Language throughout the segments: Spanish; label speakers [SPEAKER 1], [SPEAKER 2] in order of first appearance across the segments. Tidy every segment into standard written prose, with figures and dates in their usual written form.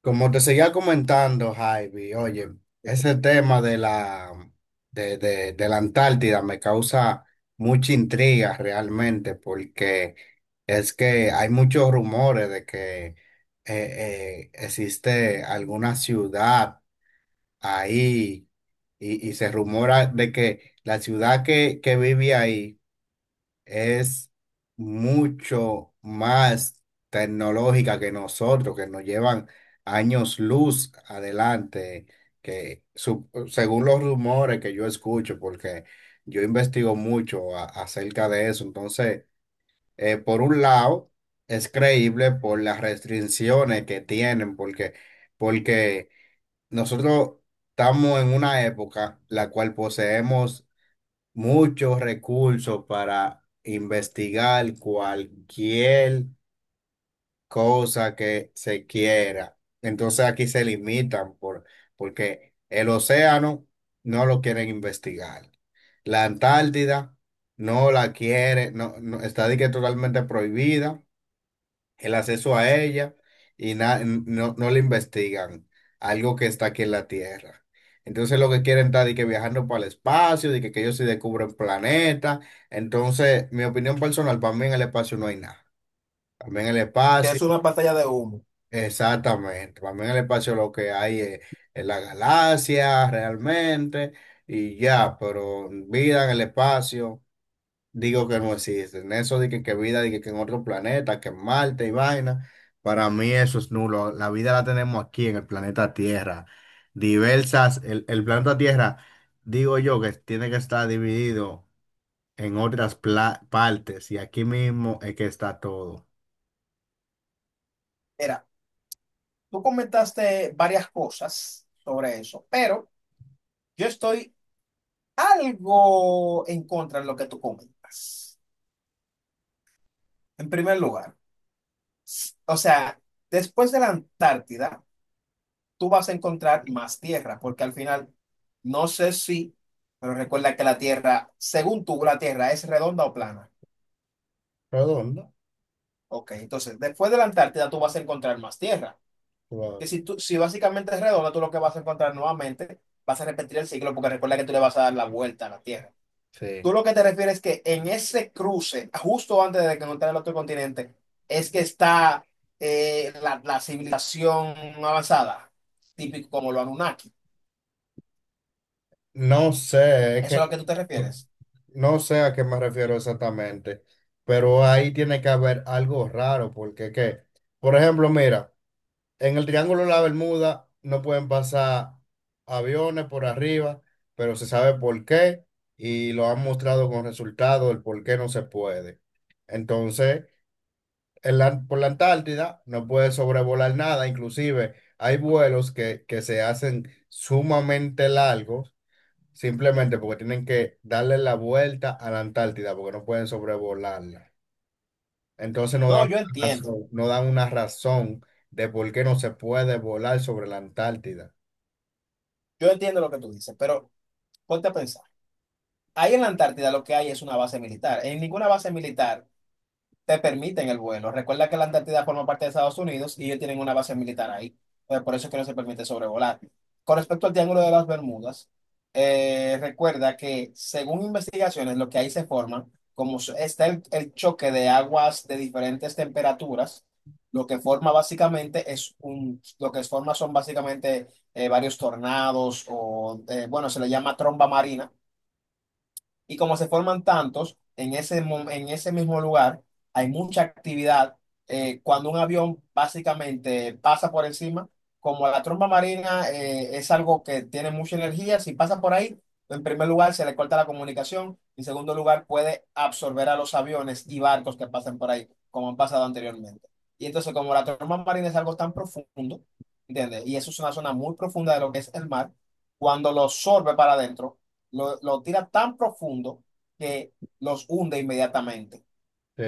[SPEAKER 1] Como te seguía comentando, Javi, oye, ese tema de de la Antártida me causa mucha intriga realmente, porque es que hay muchos rumores de que eh, existe alguna ciudad ahí, y se rumora de que la ciudad que vive ahí es mucho más tecnológica que nosotros, que nos llevan años luz adelante, según los rumores que yo escucho, porque yo investigo mucho acerca de eso. Entonces, por un lado, es creíble por las restricciones que tienen, porque nosotros estamos en una época la cual poseemos muchos recursos para investigar cualquier cosa que se quiera. Entonces aquí se limitan porque el océano no lo quieren investigar. La Antártida no la quiere, está de que totalmente prohibida el acceso a ella, y no le investigan algo que está aquí en la Tierra. Entonces lo que quieren está de que viajando para el espacio, de que ellos se descubren planetas. Entonces, mi opinión personal, para mí en el espacio no hay nada. También el
[SPEAKER 2] Que
[SPEAKER 1] espacio,
[SPEAKER 2] es una pantalla de humo.
[SPEAKER 1] exactamente. También el espacio lo que hay es la galaxia realmente y ya, pero vida en el espacio digo que no existen. Eso de que vida, de que en otro planeta, que en Marte y vaina, para mí eso es nulo. La vida la tenemos aquí en el planeta Tierra. Diversas, el planeta Tierra, digo yo que tiene que estar dividido en otras partes y aquí mismo es que está todo.
[SPEAKER 2] Mira, tú comentaste varias cosas sobre eso, pero yo estoy algo en contra de lo que tú comentas. En primer lugar, o sea, después de la Antártida, tú vas a encontrar más tierra, porque al final, no sé si, pero recuerda que la tierra, según tú, la tierra es redonda o plana.
[SPEAKER 1] Redondo,
[SPEAKER 2] Ok, entonces, después de la Antártida, tú vas a encontrar más tierra. Que
[SPEAKER 1] claro.
[SPEAKER 2] si, tú, si básicamente es redonda, tú lo que vas a encontrar nuevamente, vas a repetir el ciclo, porque recuerda que tú le vas a dar la vuelta a la Tierra.
[SPEAKER 1] Sí.
[SPEAKER 2] Tú lo que te refieres es que en ese cruce, justo antes de que encontrar el otro continente, es que está la civilización avanzada, típico como lo Anunnaki.
[SPEAKER 1] No sé, es
[SPEAKER 2] ¿Eso es
[SPEAKER 1] que
[SPEAKER 2] a lo que tú te refieres?
[SPEAKER 1] no sé a qué me refiero exactamente, pero ahí tiene que haber algo raro, porque es que, por ejemplo, mira. En el Triángulo de la Bermuda no pueden pasar aviones por arriba, pero se sabe por qué y lo han mostrado con resultados el por qué no se puede. Entonces, por la Antártida no puede sobrevolar nada, inclusive hay vuelos que se hacen sumamente largos simplemente porque tienen que darle la vuelta a la Antártida porque no pueden sobrevolarla. Entonces no
[SPEAKER 2] No,
[SPEAKER 1] dan
[SPEAKER 2] yo
[SPEAKER 1] una
[SPEAKER 2] entiendo.
[SPEAKER 1] razón, no dan una razón de por qué no se puede volar sobre la Antártida.
[SPEAKER 2] Yo entiendo lo que tú dices, pero ponte a pensar. Ahí en la Antártida lo que hay es una base militar. En ninguna base militar te permiten el vuelo. Recuerda que la Antártida forma parte de Estados Unidos y ellos tienen una base militar ahí. Pues por eso es que no se permite sobrevolar. Con respecto al Triángulo de las Bermudas, recuerda que según investigaciones, lo que ahí se forma, como está el choque de aguas de diferentes temperaturas, lo que forma básicamente es un, lo que forma son básicamente varios tornados o, bueno, se le llama tromba marina y como se forman tantos en ese, en ese mismo lugar, hay mucha actividad. Cuando un avión básicamente pasa por encima, como la tromba marina es algo que tiene mucha energía, si pasa por ahí, en primer lugar se le corta la comunicación, en segundo lugar puede absorber a los aviones y barcos que pasen por ahí, como han pasado anteriormente. Y entonces como la tromba marina es algo tan profundo, ¿entiendes? Y eso es una zona muy profunda de lo que es el mar, cuando lo absorbe para adentro lo tira tan profundo que los hunde inmediatamente.
[SPEAKER 1] Sí,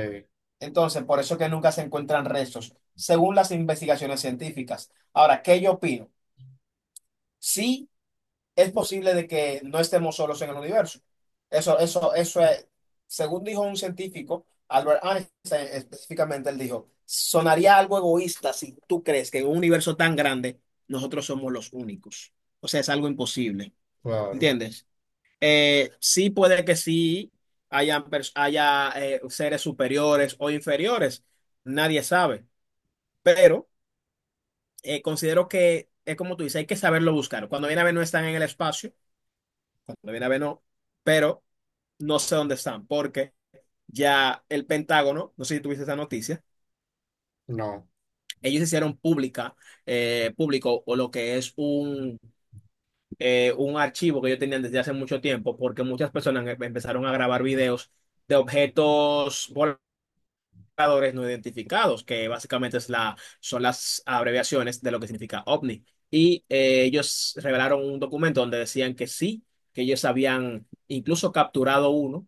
[SPEAKER 2] Entonces, por eso que nunca se encuentran restos, según las investigaciones científicas. Ahora, ¿qué yo opino? Sí, es posible de que no estemos solos en el universo. Eso es, según dijo un científico, Albert Einstein específicamente, él dijo, sonaría algo egoísta si tú crees que en un universo tan grande nosotros somos los únicos. O sea, es algo imposible.
[SPEAKER 1] claro.
[SPEAKER 2] ¿Entiendes? Sí puede que sí hayan, haya seres superiores o inferiores, nadie sabe, pero considero que es como tú dices, hay que saberlo buscar. Cuando viene a ver no están en el espacio, cuando viene a ver no, pero no sé dónde están, porque ya el Pentágono, no sé si tuviste esa noticia,
[SPEAKER 1] No,
[SPEAKER 2] ellos hicieron pública, público o lo que es un archivo que ellos tenían desde hace mucho tiempo, porque muchas personas empezaron a grabar videos de objetos voladores buscadores no identificados, que básicamente es la, son las abreviaciones de lo que significa OVNI. Y ellos revelaron un documento donde decían que sí, que ellos habían incluso capturado uno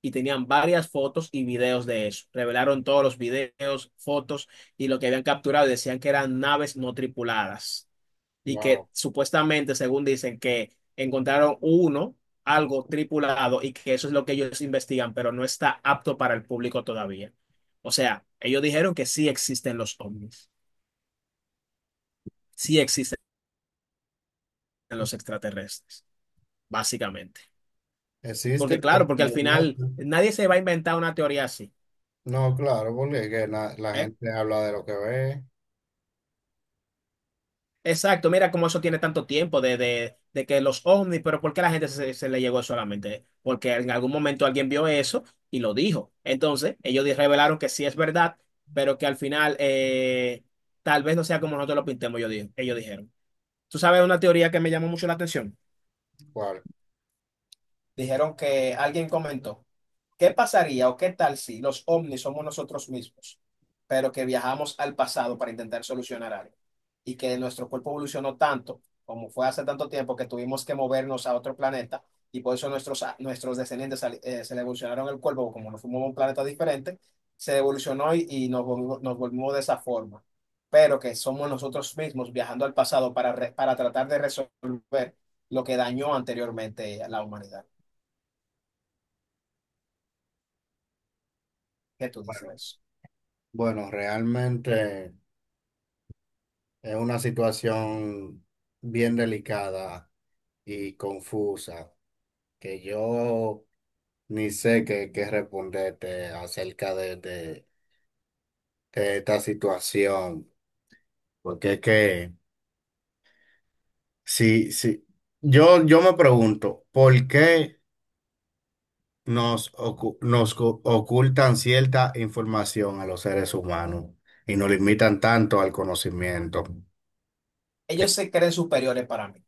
[SPEAKER 2] y tenían varias fotos y videos de eso. Revelaron todos los videos, fotos y lo que habían capturado y decían que eran naves no tripuladas y
[SPEAKER 1] wow.
[SPEAKER 2] que supuestamente, según dicen, que encontraron uno, algo tripulado y que eso es lo que ellos investigan, pero no está apto para el público todavía. O sea, ellos dijeron que sí existen los ovnis, sí existen los extraterrestres, básicamente.
[SPEAKER 1] Existe,
[SPEAKER 2] Porque claro,
[SPEAKER 1] pero
[SPEAKER 2] porque al
[SPEAKER 1] no
[SPEAKER 2] final
[SPEAKER 1] muestra.
[SPEAKER 2] nadie se va a inventar una teoría así.
[SPEAKER 1] No, claro, porque es que la
[SPEAKER 2] ¿Eh?
[SPEAKER 1] gente habla de lo que ve.
[SPEAKER 2] Exacto, mira cómo eso tiene tanto tiempo de que los ovnis, pero ¿por qué la gente se le llegó solamente? Porque en algún momento alguien vio eso y lo dijo. Entonces, ellos revelaron que sí es verdad, pero que al final tal vez no sea como nosotros lo pintemos, yo ellos dijeron. ¿Tú sabes una teoría que me llamó mucho la atención?
[SPEAKER 1] Cual,
[SPEAKER 2] Dijeron que alguien comentó, ¿qué pasaría o qué tal si los ovnis somos nosotros mismos, pero que viajamos al pasado para intentar solucionar algo? Y que nuestro cuerpo evolucionó tanto, como fue hace tanto tiempo, que tuvimos que movernos a otro planeta y por eso nuestros descendientes se le evolucionaron el cuerpo, como nos fuimos a un planeta diferente, se evolucionó y nos volvimos de esa forma. Pero que somos nosotros mismos viajando al pasado para, para tratar de resolver lo que dañó anteriormente a la humanidad. ¿Qué tú dices
[SPEAKER 1] bueno,
[SPEAKER 2] de eso?
[SPEAKER 1] bueno, realmente es una situación bien delicada y confusa que yo ni sé qué responderte acerca de de esta situación. Porque es que, sí, sí. Yo me pregunto, ¿por qué nos, ocu- nos co- ocultan cierta información a los seres humanos y nos limitan tanto al conocimiento? Eh,
[SPEAKER 2] Ellos se creen superiores para mí.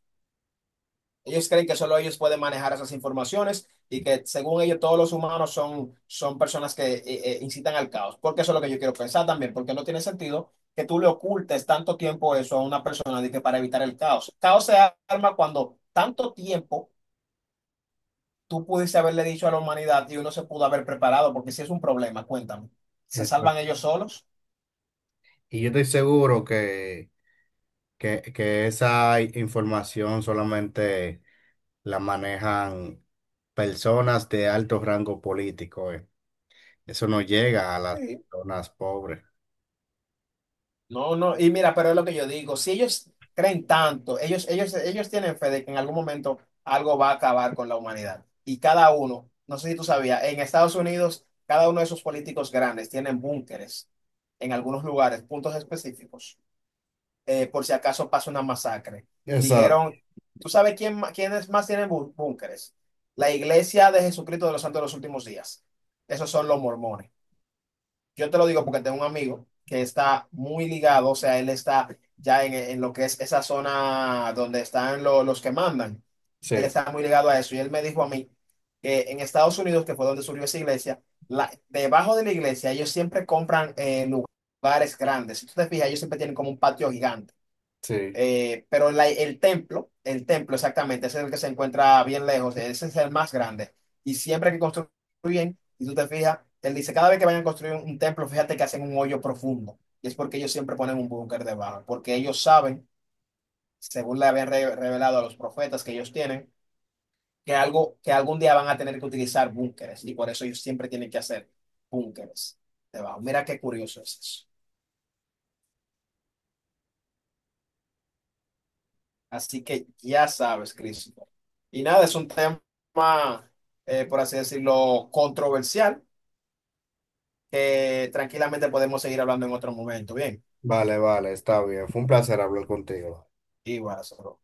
[SPEAKER 2] Ellos creen que solo ellos pueden manejar esas informaciones y que según ellos todos los humanos son, son personas que incitan al caos. Porque eso es lo que yo quiero pensar también, porque no tiene sentido que tú le ocultes tanto tiempo eso a una persona de que para evitar el caos. Caos se arma cuando tanto tiempo tú pudiste haberle dicho a la humanidad y uno se pudo haber preparado, porque si es un problema, cuéntame, ¿se
[SPEAKER 1] esto-
[SPEAKER 2] salvan ellos solos?
[SPEAKER 1] Y yo estoy seguro que esa información solamente la manejan personas de alto rango político, Eso no llega a las
[SPEAKER 2] Sí.
[SPEAKER 1] personas pobres.
[SPEAKER 2] No, no, y mira, pero es lo que yo digo, si ellos creen tanto, ellos tienen fe de que en algún momento algo va a acabar con la humanidad. Y cada uno, no sé si tú sabías, en Estados Unidos, cada uno de esos políticos grandes tienen búnkeres en algunos lugares, puntos específicos, por si acaso pasa una masacre.
[SPEAKER 1] Exacto,
[SPEAKER 2] Dijeron, ¿tú sabes quién, quiénes más tienen búnkeres? La Iglesia de Jesucristo de los Santos de los Últimos Días. Esos son los mormones. Yo te lo digo porque tengo un amigo que está muy ligado, o sea, él está ya en lo que es esa zona donde están los que mandan. Él
[SPEAKER 1] sí,
[SPEAKER 2] está muy ligado a eso y él me dijo a mí que en Estados Unidos, que fue donde surgió esa iglesia, debajo de la iglesia ellos siempre compran lugares grandes. Si tú te fijas, ellos siempre tienen como un patio gigante.
[SPEAKER 1] sí.
[SPEAKER 2] Pero la- el templo exactamente, ese es el que se encuentra bien lejos, ese es el más grande. Y siempre que construyen, y tú te fijas, él dice, cada vez que vayan a construir un templo, fíjate que hacen un hoyo profundo. Y es porque ellos siempre ponen un búnker debajo, porque ellos saben, según le habían revelado a los profetas que ellos tienen, que algún día van a tener que utilizar búnkeres. Y por eso ellos siempre tienen que hacer búnkeres debajo. Mira qué curioso es eso. Así que ya sabes, Cristo. Y nada, es un tema, por así decirlo, controversial, que tranquilamente podemos seguir hablando en otro momento. Bien,
[SPEAKER 1] Vale, vale, está bien. Fue un placer hablar contigo.
[SPEAKER 2] igual, Soro.